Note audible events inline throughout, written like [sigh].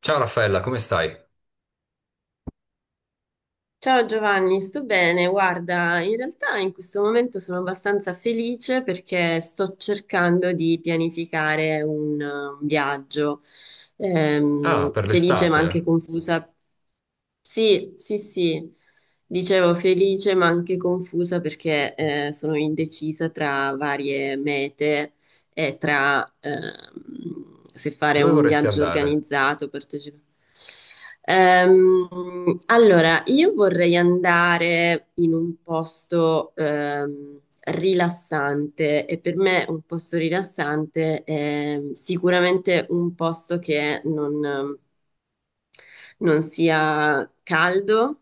Ciao Raffaella, come stai? Ciao Giovanni, sto bene. Guarda, in realtà in questo momento sono abbastanza felice perché sto cercando di pianificare un viaggio. Ah, per Felice ma l'estate? anche confusa, sì, sì, sì. Dicevo felice ma anche confusa perché sono indecisa tra varie mete e tra se fare Dove un vorresti viaggio andare? organizzato, partecipare. Allora, io vorrei andare in un posto rilassante, e per me un posto rilassante è sicuramente un posto che non sia caldo,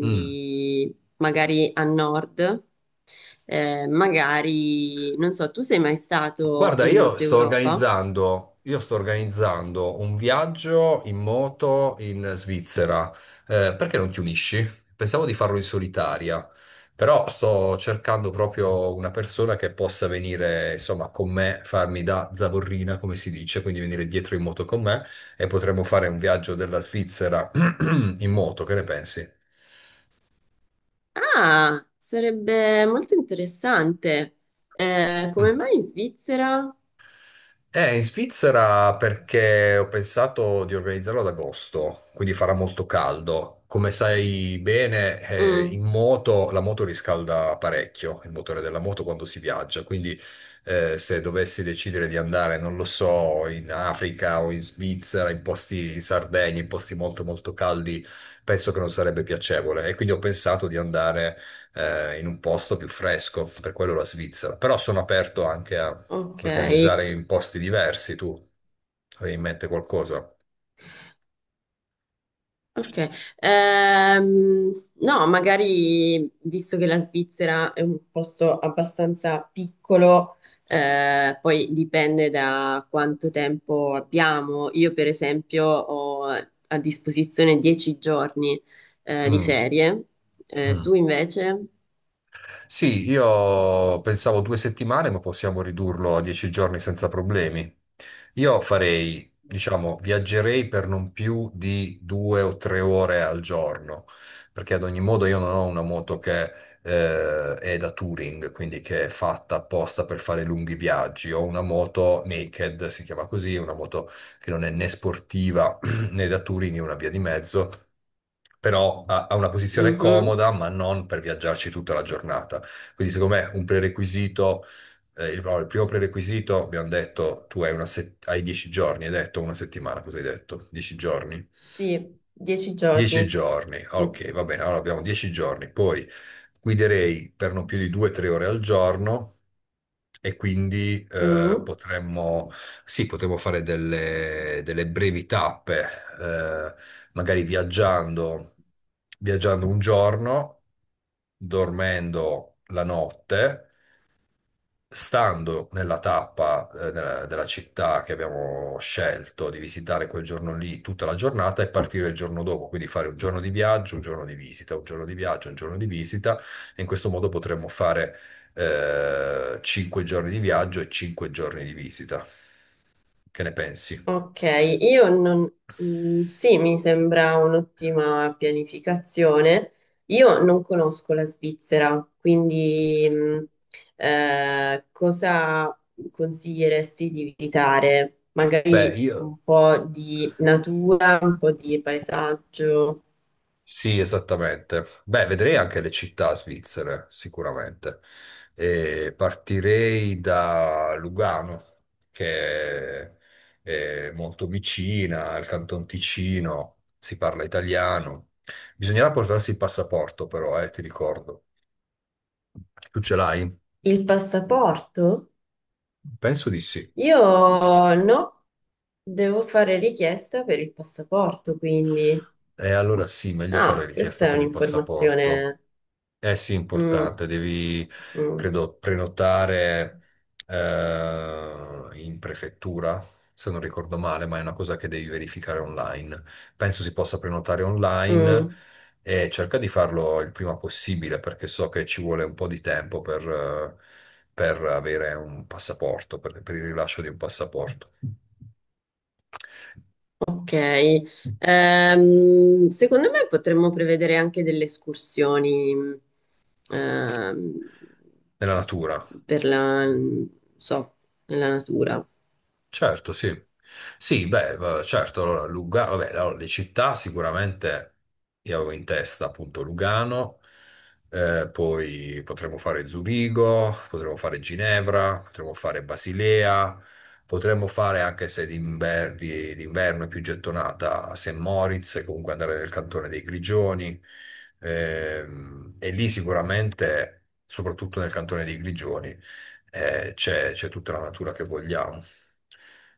Mm. magari a nord. Magari, non so, tu sei mai stato Guarda, in io Nord sto Europa? organizzando, io sto organizzando un viaggio in moto in Svizzera. Perché non ti unisci? Pensavo di farlo in solitaria, però sto cercando proprio una persona che possa venire, insomma, con me, farmi da zavorrina, come si dice, quindi venire dietro in moto con me e potremmo fare un viaggio della Svizzera [clears throat] in moto, che ne pensi? Ah, sarebbe molto interessante. Mm. Come mai in Svizzera? In Svizzera perché ho pensato di organizzarlo ad agosto, quindi farà molto caldo. Come sai bene, in Mm, moto la moto riscalda parecchio, il motore della moto quando si viaggia, quindi se dovessi decidere di andare, non lo so, in Africa o in Svizzera, in posti in Sardegna, in posti molto molto caldi, penso che non sarebbe piacevole e quindi ho pensato di andare in un posto più fresco, per quello la Svizzera, però sono aperto anche ok. organizzare in posti diversi. Tu avevi in mente qualcosa? Ok, no, magari visto che la Svizzera è un posto abbastanza piccolo, poi dipende da quanto tempo abbiamo. Io, per esempio, ho a disposizione 10 giorni di Mm, ferie. Tu mm. invece? Sì, io pensavo 2 settimane, ma possiamo ridurlo a 10 giorni senza problemi. Io farei, diciamo, viaggerei per non più di due o tre ore al giorno, perché ad ogni modo io non ho una moto che è da touring, quindi che è fatta apposta per fare lunghi viaggi. Ho una moto naked, si chiama così, una moto che non è né sportiva [clears throat] né da touring, è una via di mezzo. Però ha una posizione Mhm. comoda, ma non per viaggiarci tutta la giornata. Quindi secondo me un prerequisito, il, no, il primo prerequisito, abbiamo detto, tu hai, hai 10 giorni, hai detto una settimana, cosa hai detto? 10 giorni? Sì, 10 10 giorni. giorni, Mm. ok, va bene, allora abbiamo 10 giorni, poi guiderei per non più di 2-3 ore al giorno e quindi Mm. Sì, potremmo fare delle brevi tappe, eh, magari viaggiando, un giorno, dormendo la notte, stando nella tappa, della città che abbiamo scelto di visitare quel giorno lì tutta la giornata, e partire il giorno dopo, quindi fare un giorno di viaggio, un giorno di visita, un giorno di viaggio, un giorno di visita, e in questo modo potremmo fare 5 giorni di viaggio e 5 giorni di visita. Che ne pensi? Ok, io non... mm, sì, mi sembra un'ottima pianificazione. Io non conosco la Svizzera, quindi mm, cosa consiglieresti di visitare? Beh, Magari io. un po' di natura, un po' di paesaggio. Sì, esattamente. Beh, vedrei anche le città svizzere, sicuramente. E partirei da Lugano, che è molto vicina al Canton Ticino, si parla italiano. Bisognerà portarsi il passaporto, però, ti ricordo. Tu ce l'hai? Il passaporto? Penso di sì. Io no, devo fare richiesta per il passaporto, quindi... E allora sì, meglio fare Ah, richiesta questa è per il passaporto. un'informazione... Eh sì, Mm. importante, devi, Mm. credo, prenotare in prefettura, se non ricordo male, ma è una cosa che devi verificare online. Penso si possa prenotare online Mm, e cerca di farlo il prima possibile perché so che ci vuole un po' di tempo per, per avere un passaporto, per il rilascio di un passaporto ok. Secondo me potremmo prevedere anche delle escursioni ehm, nella natura. per la, non so, nella natura. Certo, sì. Sì, beh, certo, allora Lugano, vabbè, allora, le città sicuramente io avevo in testa appunto Lugano. Poi potremmo fare Zurigo, potremmo fare Ginevra, potremmo fare Basilea, potremmo fare anche, se d'inverno è più gettonata, St. Moritz, e comunque andare nel cantone dei Grigioni. E lì sicuramente, soprattutto nel cantone dei Grigioni, c'è tutta la natura che vogliamo.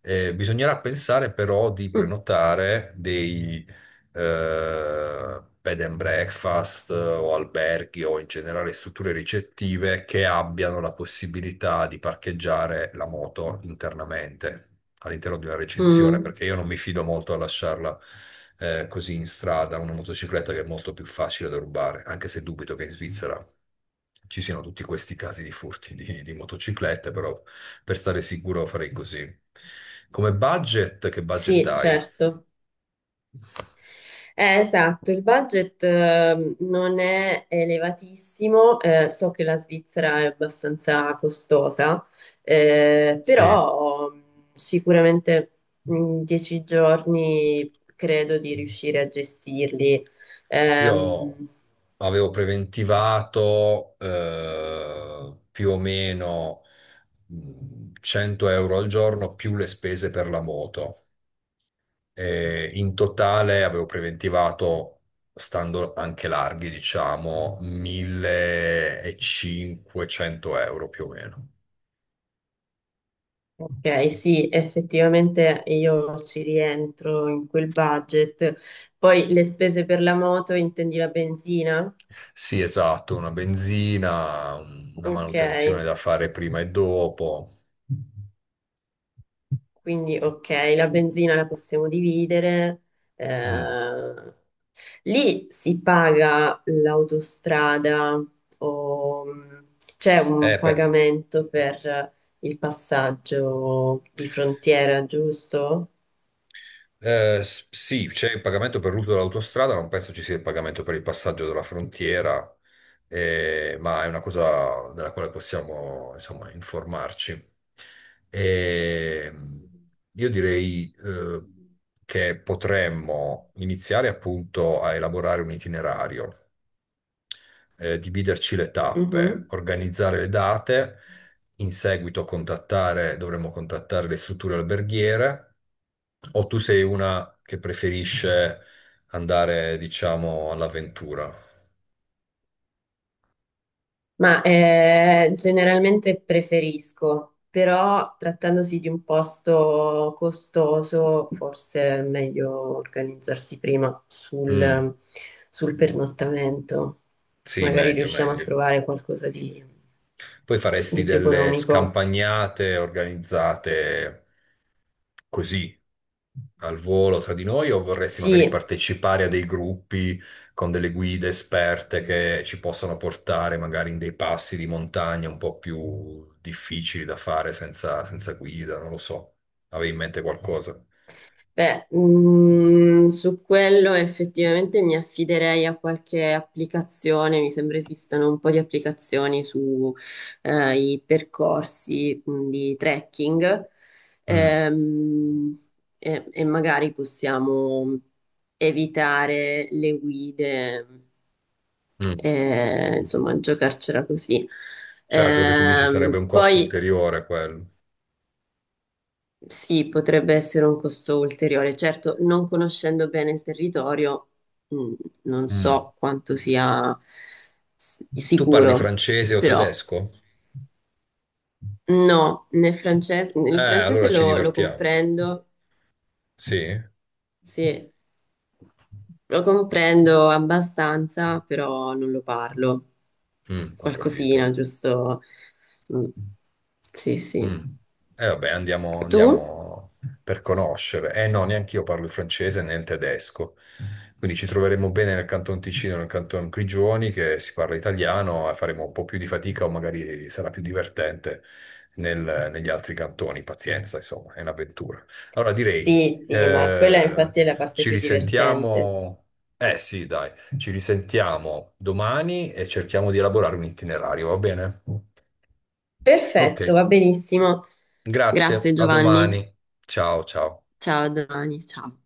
Bisognerà pensare però di Mm, prenotare dei bed and breakfast, o alberghi, o in generale strutture ricettive che abbiano la possibilità di parcheggiare la moto internamente, all'interno di una recinzione, mm, perché io non mi fido molto a lasciarla così in strada, una motocicletta che è molto più facile da rubare, anche se dubito che in Svizzera ci siano tutti questi casi di furti di motociclette, però per stare sicuro farei così. Come budget, che budget sì, hai? certo. Esatto, il budget non è elevatissimo, so che la Svizzera è abbastanza costosa, Sì, però sicuramente 10 giorni credo di riuscire a gestirli. io Ehm, avevo preventivato più o meno, 100 euro al giorno, più le spese per la moto. E in totale avevo preventivato, stando anche larghi, diciamo, 1.500 euro più o meno. ok, sì, effettivamente io ci rientro in quel budget. Poi le spese per la moto, intendi la benzina? Sì, esatto, una benzina, una Ok. manutenzione da fare prima e dopo. Quindi, ok, la benzina la possiamo dividere. Mm. eh, Lì si paga l'autostrada, o c'è un Beh, pagamento per il passaggio di frontiera, giusto? Sì, c'è il pagamento per l'uso dell'autostrada, non penso ci sia il pagamento per il passaggio della frontiera, ma è una cosa della quale possiamo, insomma, informarci. E io direi, che potremmo iniziare appunto a elaborare un itinerario, dividerci le tappe, Mhm. organizzare le date, in seguito contattare, dovremmo contattare le strutture alberghiere. O tu sei una che preferisce andare, diciamo, all'avventura? Ma generalmente preferisco, però trattandosi di un posto costoso, forse è meglio organizzarsi prima Mm, sul, sul pernottamento. sì, Magari meglio, riusciamo a meglio. trovare qualcosa Poi faresti di più delle economico. scampagnate organizzate così, al volo tra di noi, o vorresti magari Sì. partecipare a dei gruppi con delle guide esperte che ci possano portare magari in dei passi di montagna un po' più difficili da fare senza, senza guida? Non lo so. Avevi in mente qualcosa? Beh, mm, su quello effettivamente mi affiderei a qualche applicazione, mi sembra esistano un po' di applicazioni su i percorsi mm, di trekking. Mm. Ehm, e, e magari possiamo evitare le guide, Mm. Insomma, giocarcela così. Certo, perché tu dici sarebbe un costo Poi ulteriore quello. Sì, potrebbe essere un costo ulteriore. Certo, non conoscendo bene il territorio, mh, non Mm. so quanto sia Tu parli sicuro, francese o però tedesco? no. Nel francese, il Allora francese ci lo divertiamo. comprendo, Sì? sì, lo comprendo abbastanza, però non lo parlo. Ho capito. Qualcosina, giusto? Mm, sì, Mm. sì. E vabbè, andiamo, Tu? andiamo per conoscere. Eh no, neanche io parlo il francese né il tedesco. Quindi ci troveremo bene nel Canton Ticino, nel Canton Grigioni, che si parla italiano, e faremo un po' più di fatica, o magari sarà più divertente negli altri cantoni. Pazienza, insomma, è un'avventura. Allora direi, Sì, sì, ma quella infatti è la parte ci più divertente. risentiamo. Eh sì, dai, ci risentiamo domani e cerchiamo di elaborare un itinerario, va bene? Ok. Perfetto, va benissimo. Grazie, Grazie a Giovanni. domani. Ciao, ciao. Ciao, a domani, ciao.